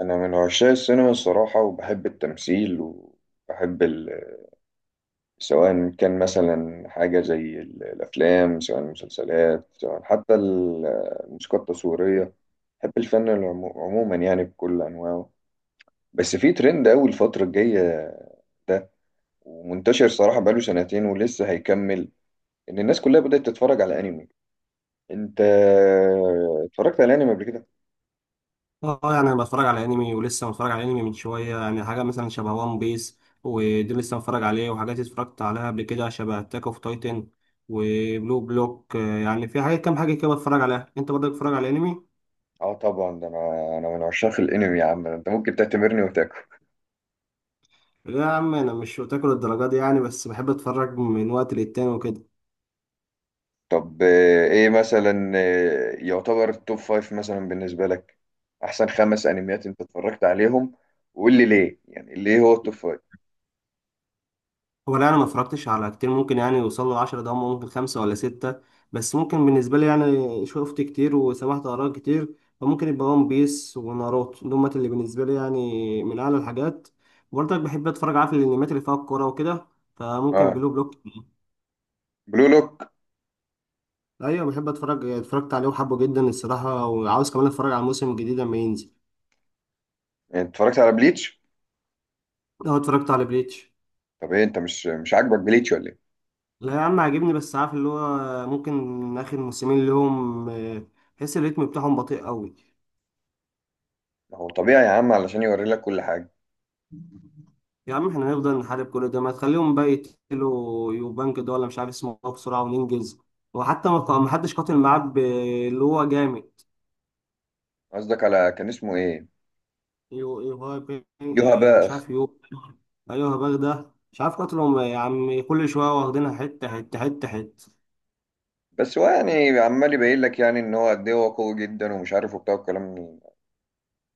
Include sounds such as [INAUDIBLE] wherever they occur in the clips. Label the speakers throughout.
Speaker 1: أنا من عشاق السينما الصراحة، وبحب التمثيل وبحب سواء كان مثلا حاجة زي الأفلام، سواء المسلسلات، سواء حتى الموسيقى التصويرية. بحب الفن عموما يعني بكل أنواعه. بس في ترند أوي الفترة الجاية ده، ومنتشر صراحة بقاله سنتين ولسه هيكمل، إن الناس كلها بدأت تتفرج على أنمي. أنت اتفرجت على أنمي قبل كده؟
Speaker 2: اه، يعني انا بتفرج على انمي ولسه متفرج على انمي من شويه. يعني حاجه مثلا شبه وان بيس ودي لسه متفرج عليه، وحاجات اتفرجت عليها قبل كده شبه اتاك اوف تايتن وبلو بلوك. يعني في حاجات كام حاجه كده بتفرج عليها. انت برضك بتتفرج على انمي؟
Speaker 1: اه طبعا ده انا، انا من عشاق الانمي يا عم، ده انت ممكن تعتبرني.
Speaker 2: لا يا عم، انا مش بتاكل الدرجات دي يعني، بس بحب اتفرج من وقت للتاني وكده.
Speaker 1: طب ايه مثلا، يعتبر التوب فايف مثلا بالنسبة لك؟ احسن خمس انميات انت اتفرجت عليهم، وقول لي ليه، يعني ليه هو التوب فايف.
Speaker 2: هو لا، انا ما اتفرجتش على كتير، ممكن يعني يوصل له 10. ده هم ممكن خمسة ولا ستة، بس ممكن بالنسبة لي يعني شفت كتير وسمعت آراء كتير، فممكن يبقى ون بيس وناروتو، دول اللي بالنسبة لي يعني من أعلى الحاجات. وبرضك بحب أتفرج، عارف الأنميات اللي فيها الكورة وكده، فممكن
Speaker 1: اه،
Speaker 2: بلو بلوك.
Speaker 1: بلو لوك.
Speaker 2: أيوة بحب أتفرج، اتفرجت عليه وحبه جدا الصراحة، وعاوز كمان أتفرج على الموسم الجديد لما ينزل.
Speaker 1: يعني اتفرجت على بليتش؟
Speaker 2: أه، اتفرجت على بليتش.
Speaker 1: طب ايه، انت مش عاجبك بليتش ولا ايه؟
Speaker 2: لا يا عم عاجبني، بس عارف اللي هو ممكن آخر موسمين لهم، تحس الريتم بتاعهم بطيء أوي.
Speaker 1: ما هو طبيعي يا عم، علشان يوري لك كل حاجة.
Speaker 2: يا عم احنا هنفضل نحارب كل ده، ما تخليهم بقى يقتلوا يوبانج ده ولا مش عارف اسمه ايه بسرعة وننجز. وحتى ما حدش قاتل معاه اللي هو جامد.
Speaker 1: قصدك على كان اسمه ايه؟
Speaker 2: يو يو هاي بي-
Speaker 1: يوها
Speaker 2: اه مش
Speaker 1: باخ.
Speaker 2: عارف يو. ايوه هباغ ده مش عارف، قاتلهم يا عم، كل شوية واخدينها حتة حتة حتة حتة.
Speaker 1: بس هو يعني عمال يبين لك يعني ان هو قد ايه هو قوي جدا ومش عارف وبتاع الكلام.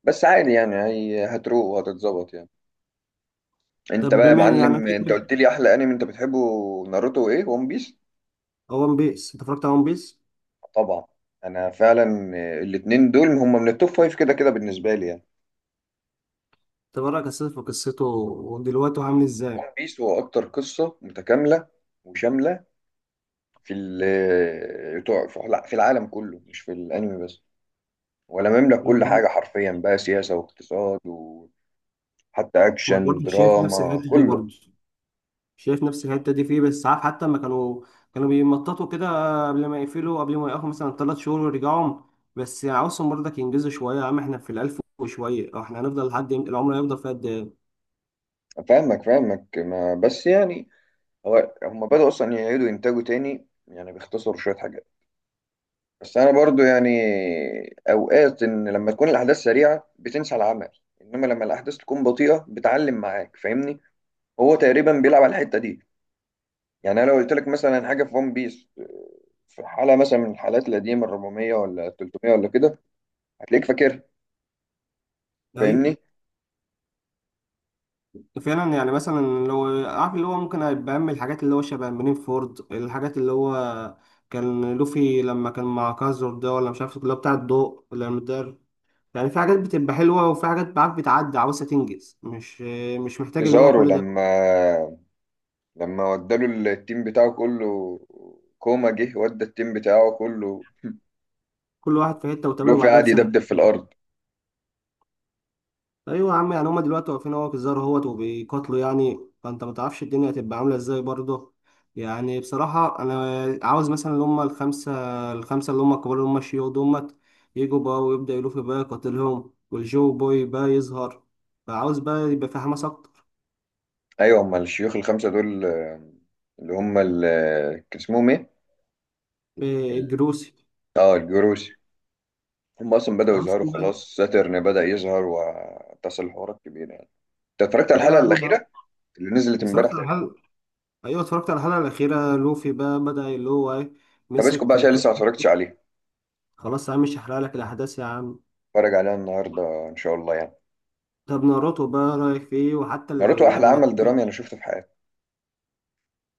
Speaker 1: بس عادي يعني، هي هتروق وهتتظبط يعني.
Speaker 2: طب
Speaker 1: انت بقى يا
Speaker 2: بما إن يعني
Speaker 1: معلم،
Speaker 2: في
Speaker 1: انت
Speaker 2: كده.
Speaker 1: قلت لي احلى انمي انت بتحبه. ناروتو وايه وون بيس؟
Speaker 2: ون بيس، انت اتفرجت على ون بيس؟
Speaker 1: طبعا. انا فعلا الاتنين دول هم من التوب فايف كده كده بالنسبه لي يعني.
Speaker 2: تبرك قصته، في قصته ودلوقتي هو عامل
Speaker 1: ون
Speaker 2: ازاي؟
Speaker 1: بيس هو اكتر قصه متكامله وشامله في ال في لا، في العالم كله مش في الانمي بس، ولا مملك كل حاجه
Speaker 2: [LAUGHS]
Speaker 1: حرفيا، بقى سياسه واقتصاد وحتى
Speaker 2: ما
Speaker 1: اكشن
Speaker 2: برضه شايف نفس الحتة
Speaker 1: دراما
Speaker 2: دي
Speaker 1: كله.
Speaker 2: برضه شايف نفس الحته دي فيه، بس عارف حتى لما كانوا بيمططوا كده قبل ما يقفوا مثلا 3 شهور ويرجعوا. بس يعني عاوزهم برضك ينجزوا شويه. يا عم احنا في الالف وشويه، أو احنا هنفضل لحد امتى؟ العمر هيفضل فيها قد ايه؟
Speaker 1: فاهمك ما بس يعني، هو هم بدأوا اصلا يعيدوا انتاجه تاني، يعني بيختصروا شويه حاجات. بس انا برضو يعني، اوقات ان لما تكون الاحداث سريعه بتنسى العمل، انما لما الاحداث تكون بطيئه بتعلم معاك، فاهمني؟ هو تقريبا بيلعب على الحته دي. يعني انا لو قلت لك مثلا حاجه في ون بيس، في حاله مثلا من الحالات القديمه ال 400 ولا ال 300 ولا كده، هتلاقيك فاكرها،
Speaker 2: اي،
Speaker 1: فاهمني؟
Speaker 2: فعلا. يعني مثلا لو عارف اللي هو ممكن هيبقى أهم الحاجات، اللي هو شبه منين فورد، الحاجات اللي هو كان لوفي لما كان مع كازر ده، ولا مش عارف اللي هو بتاع الضوء ولا المدار. يعني في حاجات بتبقى حلوة وفي حاجات عارف بتعدي عاوزة تنجز، مش محتاج اللي هو
Speaker 1: كيزارو
Speaker 2: كل ده.
Speaker 1: لما وداله التيم بتاعه كله، كوما جه ودى التيم بتاعه كله،
Speaker 2: كل واحد في حته وتقابله
Speaker 1: لوفي
Speaker 2: بعدها
Speaker 1: قعد يدبدب في
Speaker 2: بسنتين.
Speaker 1: الارض.
Speaker 2: ايوه يا عم، يعني هما دلوقتي واقفين اهو في الزار اهوت وبيقاتلوا، يعني فانت ما تعرفش الدنيا هتبقى عامله ازاي برضه. يعني بصراحه انا عاوز مثلا اللي هما الخمسه، الخمسه اللي هما الكبار، اللي هما الشيوخ دومت يجوا بقى ويبدا يلف بقى يقاتلهم، والجو بوي بقى يظهر، فعاوز بقى يبقى في حماس اكتر.
Speaker 1: ايوه، هم الشيوخ الخمسه دول، اللي هم كان اسمهم ايه؟ ال-
Speaker 2: الجروسي.
Speaker 1: اه، الجروس. هم اصلا بداوا
Speaker 2: عاوز
Speaker 1: يظهروا
Speaker 2: بقى.
Speaker 1: خلاص، ساترن بدا يظهر واتصل حوارات كبيره يعني. انت اتفرجت على
Speaker 2: ايوه
Speaker 1: الحلقه
Speaker 2: يا عم،
Speaker 1: الاخيره اللي نزلت امبارح
Speaker 2: اتفرجت على
Speaker 1: تقريبا؟
Speaker 2: الحلقه. ايوه اتفرجت على الحلقه الاخيره، لوفي بقى بدا اللي هو ايه،
Speaker 1: طب اسكت بقى
Speaker 2: مسك.
Speaker 1: عشان لسه ما اتفرجتش عليها.
Speaker 2: خلاص يا عم، مش هحرق لك الاحداث يا عم.
Speaker 1: اتفرج عليها النهارده ان شاء الله يعني.
Speaker 2: طب ناروتو بقى رايك في ايه؟ وحتى
Speaker 1: ناروتو احلى
Speaker 2: لما...
Speaker 1: عمل درامي انا شفته في حياتي.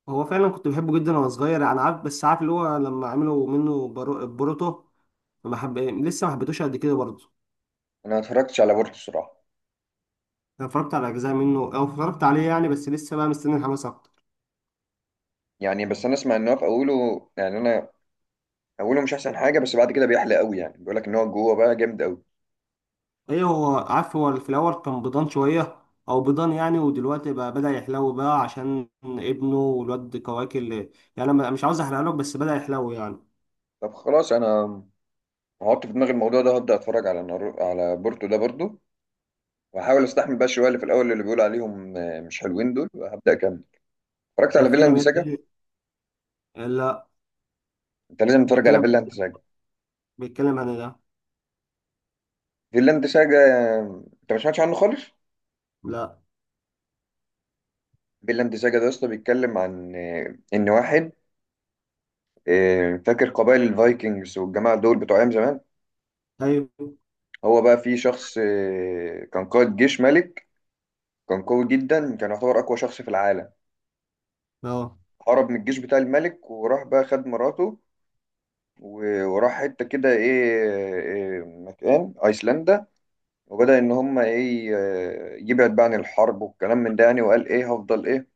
Speaker 2: هو فعلا كنت بحبه جدا وانا صغير انا عارف، بس عارف اللي هو لما عملوا منه بوروتو، ما حب... لسه ما حبيتوش قد كده برضه.
Speaker 1: انا ما اتفرجتش على بورتو الصراحه.
Speaker 2: انا اتفرجت على اجزاء منه او اتفرجت عليه يعني، بس لسه بقى مستني الحماس اكتر.
Speaker 1: يعني بس انا اسمع ان هو في اوله، يعني انا، اوله مش احسن حاجه، بس بعد كده بيحلى قوي، يعني بيقول لك ان هو جوه بقى جامد قوي.
Speaker 2: ايه، هو عارف هو في الاول كان بيضان شويه، او بيضان يعني. ودلوقتي بقى بدأ يحلو بقى عشان ابنه والواد كواكل اللي... يعني انا مش عاوز احرق لك، بس بدأ يحلو يعني.
Speaker 1: طب خلاص، انا هحط في دماغي الموضوع ده، هبدأ اتفرج على على بورتو ده برضو، وهحاول استحمل بقى شويه اللي في الاول اللي بيقولوا عليهم مش حلوين دول، وهبدأ اكمل. اتفرجت
Speaker 2: ده
Speaker 1: على
Speaker 2: في
Speaker 1: فيلاند
Speaker 2: انميات
Speaker 1: ساجا؟
Speaker 2: تانية؟ لا.
Speaker 1: انت لازم تتفرج على
Speaker 2: بيتكلم
Speaker 1: فيلاند ساجا.
Speaker 2: بيتكلم عن إيه ده؟
Speaker 1: فيلاند ساجا، انت ما سمعتش عنه خالص؟
Speaker 2: لا.
Speaker 1: فيلاند ساجا ده اصلا بيتكلم عن ان واحد، فاكر قبائل الفايكنجز والجماعه دول بتوع ايام زمان؟
Speaker 2: ايوه.
Speaker 1: هو بقى في شخص كان قائد جيش ملك، كان قوي جدا، كان يعتبر اقوى شخص في العالم.
Speaker 2: اه،
Speaker 1: هرب من الجيش بتاع الملك وراح بقى خد مراته، وراح حتة كده إيه إيه، مكان أيسلندا، وبدأ إن هما إيه، يبعد بقى عن الحرب والكلام من ده يعني، وقال إيه هفضل إيه،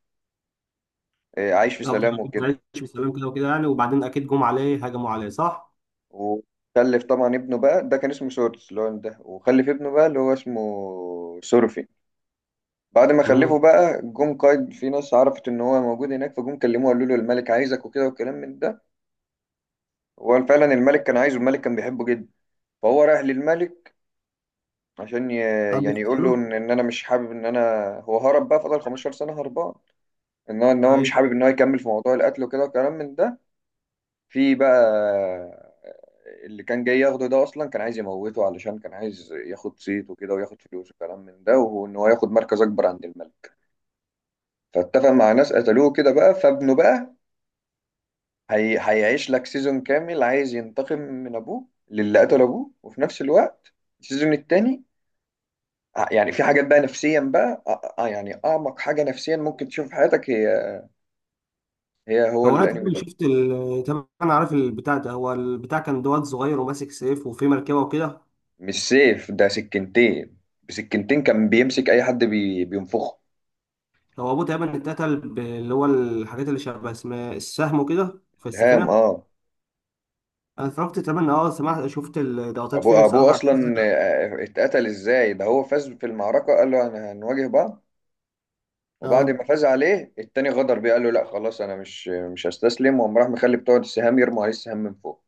Speaker 1: عايش في
Speaker 2: افضل
Speaker 1: سلام
Speaker 2: أكل
Speaker 1: وكده.
Speaker 2: عيش وسلام كده وكده يعني، وبعدين اكيد جم عليه، هجموا عليه صح؟
Speaker 1: وخلف طبعا ابنه بقى، ده كان اسمه سورس اللي هو ده، وخلف ابنه بقى اللي هو اسمه سورفي. بعد ما خلفه
Speaker 2: امم.
Speaker 1: بقى، جم قايد في ناس عرفت إن هو موجود هناك، فجم كلموه قالوا له الملك عايزك وكده والكلام من ده. هو فعلا الملك كان عايزه، الملك كان بيحبه جدا. فهو رايح للملك عشان ي...
Speaker 2: حد
Speaker 1: يعني يقول
Speaker 2: اغتاله؟
Speaker 1: له ان انا مش حابب ان انا، هو هرب بقى فضل 15 سنه هربان، ان هو، ان هو مش
Speaker 2: اي.
Speaker 1: حابب ان هو يكمل في موضوع القتل وكده وكلام من ده. في بقى اللي كان جاي ياخده ده اصلا كان عايز يموته، علشان كان عايز ياخد صيت وكده وياخد فلوس وكلام من ده، وان هو ياخد مركز اكبر عند الملك. فاتفق مع ناس قتلوه كده بقى. فابنه بقى هيعيش لك سيزون كامل عايز ينتقم من ابوه، للي قتل ابوه، وفي نفس الوقت السيزون التاني، يعني في حاجات بقى نفسيا بقى يعني اعمق حاجه نفسيا ممكن تشوف في حياتك، هي هو
Speaker 2: هو انا
Speaker 1: الانمي
Speaker 2: تقريبا
Speaker 1: ده.
Speaker 2: تقريبا انا عارف البتاع ده. هو البتاع كان دوت صغير وماسك سيف وفي مركبه وكده.
Speaker 1: مش سيف ده، سكينتين. بسكينتين كان بيمسك اي حد بي بينفخه.
Speaker 2: هو ابوه تقريبا اتقتل اللي هو الحاجات اللي شبه اسم السهم وكده في
Speaker 1: سهام،
Speaker 2: السفينه.
Speaker 1: اه.
Speaker 2: انا اتفرجت تقريبا، اه سمعت شفت الضغطات فيه
Speaker 1: ابوه
Speaker 2: بصراحه.
Speaker 1: اصلا اتقتل ازاي ده، هو فاز في المعركه، قال له انا هنواجه بعض، وبعد
Speaker 2: اه
Speaker 1: ما فاز عليه التاني غدر بيه، قال له لا خلاص انا مش هستسلم، وقام راح مخلي بتوع السهام يرموا عليه السهام من فوق.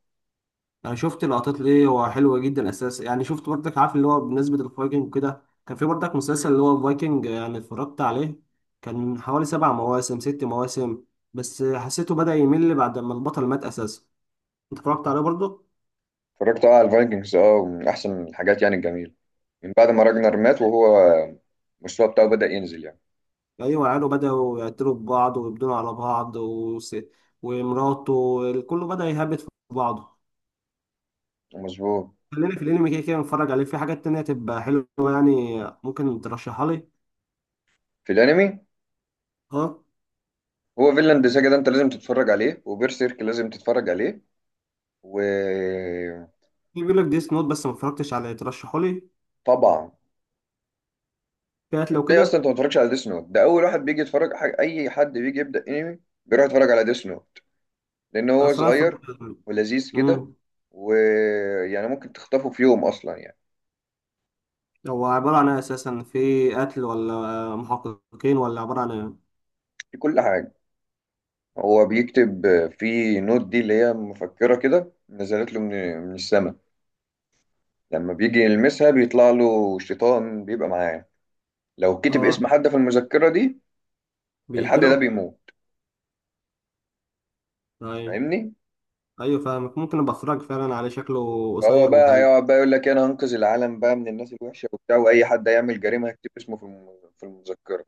Speaker 2: انا شفت لقطات ليه، هو حلوه جدا اساسا. يعني شفت برضك عارف اللي هو بمناسبه الفايكنج وكده، كان في برضك مسلسل اللي هو الفايكنج يعني اتفرجت عليه. كان من حوالي 7 مواسم 6 مواسم، بس حسيته بدأ يمل بعد ما البطل مات اساسا. انت اتفرجت عليه برضه؟
Speaker 1: اتفرجت اه على الفايكنجز، اه، من احسن الحاجات يعني الجميله. من بعد ما راجنر مات، وهو المستوى بتاعه بدأ ينزل يعني.
Speaker 2: ايوه، عياله بدأوا يقتلوا في بعض ويبدونوا على بعض ومراته كله بدأ يهبط في بعضه.
Speaker 1: مظبوط.
Speaker 2: خلينا في الانمي كده كده، نتفرج عليه في حاجات تانية تبقى حلوه يعني. ممكن ترشحها لي؟
Speaker 1: في الانمي
Speaker 2: اه.
Speaker 1: هو فيلاند ساجا، ده انت لازم تتفرج عليه، وبيرسيرك لازم تتفرج عليه. وطبعا
Speaker 2: في بيقول لك ديس نوت بس ما اتفرجتش عليه، ترشحه لي كانت لو
Speaker 1: ازاي اصلا
Speaker 2: كده.
Speaker 1: انت ما تتفرجش على ديس نوت؟ ده اول واحد بيجي يتفرج حاجة. اي حد بيجي يبدأ انمي بيروح يتفرج على ديس نوت، لان هو
Speaker 2: أصل أنا
Speaker 1: صغير
Speaker 2: اتفرجت.
Speaker 1: ولذيذ كده،
Speaker 2: أمم.
Speaker 1: ويعني ممكن تخطفه في يوم اصلا يعني.
Speaker 2: هو عبارة عن إيه أساسا، في قتل ولا محققين ولا عبارة عن إيه؟
Speaker 1: في كل حاجه، هو بيكتب في نوت دي، اللي هي مفكرة كده نزلت له من السماء. لما بيجي يلمسها بيطلع له شيطان بيبقى معاه. لو كتب
Speaker 2: آه،
Speaker 1: اسم حد في المذكرة دي، الحد ده
Speaker 2: بيقتلوا.
Speaker 1: بيموت،
Speaker 2: أيوة.
Speaker 1: فاهمني؟
Speaker 2: أيوة فاهمك، ممكن أبقى أتفرج فعلا على، شكله
Speaker 1: فهو
Speaker 2: قصير
Speaker 1: بقى
Speaker 2: وحلو.
Speaker 1: هيقعد بقى يقول لك انا هنقذ العالم بقى من الناس الوحشة وبتاع، واي حد هيعمل جريمة هيكتب اسمه في المذكرة.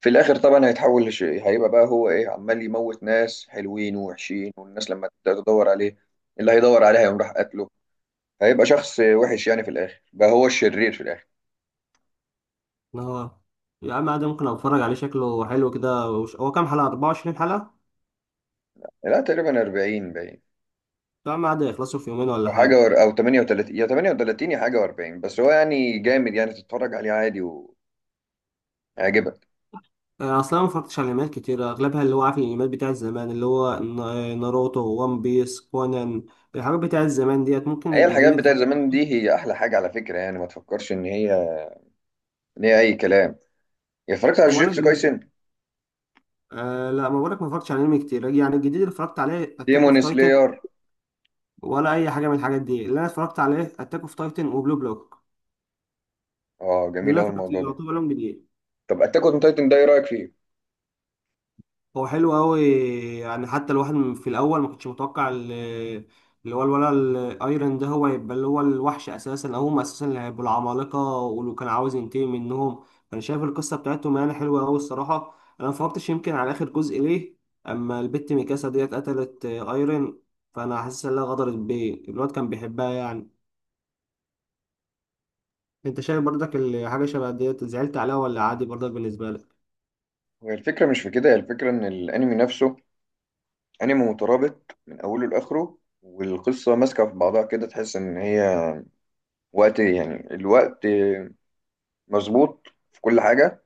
Speaker 1: في الاخر طبعا هيتحول هيبقى بقى هو ايه، عمال يموت ناس حلوين ووحشين، والناس لما تبدأ تدور عليه، اللي هيدور عليه هيقوم راح قتله، هيبقى شخص وحش يعني، في الاخر بقى هو الشرير في الاخر.
Speaker 2: آه، يا عم عادي ممكن أتفرج عليه، شكله حلو كده هو كام حلقة، 24 حلقة؟
Speaker 1: لا تقريبا 40 باين،
Speaker 2: يا عم عادي، يخلصوا في يومين ولا
Speaker 1: او حاجه
Speaker 2: حاجة.
Speaker 1: او 38 يا 38 يا حاجه و40، بس هو يعني جامد، يعني تتفرج عليه عادي ويعجبك.
Speaker 2: أصل أنا مفرجتش على الأنميات كتير، أغلبها اللي هو عارف الأنميات بتاع زمان اللي هو ناروتو وان بيس كونان، الحاجات بتاع الزمان ديت. ممكن
Speaker 1: هي الحاجات
Speaker 2: الجديد اللي
Speaker 1: بتاعت زمان دي هي احلى حاجه على فكره، يعني ما تفكرش ان هي، ان هي اي كلام. يا اتفرجت على
Speaker 2: هو أنا،
Speaker 1: جوجيتسو كايسن؟
Speaker 2: أه لا ما بقولك ما اتفرجتش على انمي كتير يعني. الجديد اللي اتفرجت عليه اتاك اوف
Speaker 1: ديمون
Speaker 2: تايتن،
Speaker 1: سلاير؟
Speaker 2: ولا اي حاجه من الحاجات دي. اللي انا اتفرجت عليه اتاك اوف تايتن وبلو بلوك،
Speaker 1: اه
Speaker 2: دول
Speaker 1: جميل
Speaker 2: انا
Speaker 1: قوي
Speaker 2: اتفرجت
Speaker 1: الموضوع
Speaker 2: اللي
Speaker 1: ده.
Speaker 2: يعتبر لهم جديد.
Speaker 1: طب اتاك اون تايتن ده ايه رايك فيه؟
Speaker 2: هو حلو قوي، يعني حتى الواحد في الاول ما كنتش متوقع اللي هو الولا الايرن ده هو يبقى اللي هو الوحش اساسا، او هم اساسا اللي هيبقوا العمالقه ولو كان عاوز ينتقم منهم. انا شايف القصه بتاعتهم يعني حلوه قوي الصراحه. انا ما فكرتش يمكن على اخر جزء ليه. اما البت ميكاسا ديت قتلت ايرن، فانا حاسس انها غدرت بيه، الواد كان بيحبها يعني. انت شايف برضك حاجه شبه ديت زعلت عليها ولا عادي برضك بالنسبه لك؟
Speaker 1: هي الفكره مش في كده، هي الفكره ان الانمي نفسه انمي مترابط من اوله لاخره، والقصه ماسكه في بعضها كده، تحس ان هي وقت، يعني الوقت مظبوط في كل حاجه.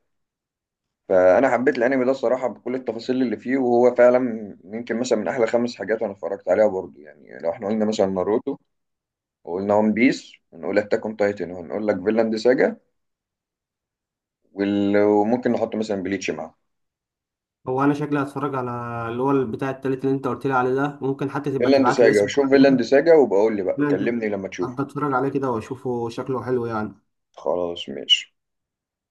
Speaker 1: فانا حبيت الانمي ده الصراحه بكل التفاصيل اللي فيه، وهو فعلا يمكن مثلا من احلى خمس حاجات انا اتفرجت عليها برضو يعني. لو احنا قلنا مثلا ناروتو، وقلنا ون بيس، ونقول اتاك اون تايتن، وهنقول لك فيلاند ساجا، وممكن نحط مثلا بليتش معاه.
Speaker 2: هو انا شكلي هتفرج على اللي هو بتاع التالت اللي انت قلت لي عليه ده، ممكن حتى تبقى
Speaker 1: فيلاند
Speaker 2: تبعت لي
Speaker 1: ساجا،
Speaker 2: اسمه.
Speaker 1: شوف فيلاند
Speaker 2: [LAUGHS]
Speaker 1: ساجا وبقول لي بقى،
Speaker 2: أنا
Speaker 1: كلمني لما تشوفه.
Speaker 2: ابقى اتفرج عليه كده واشوفه، شكله حلو يعني.
Speaker 1: خلاص، ماشي.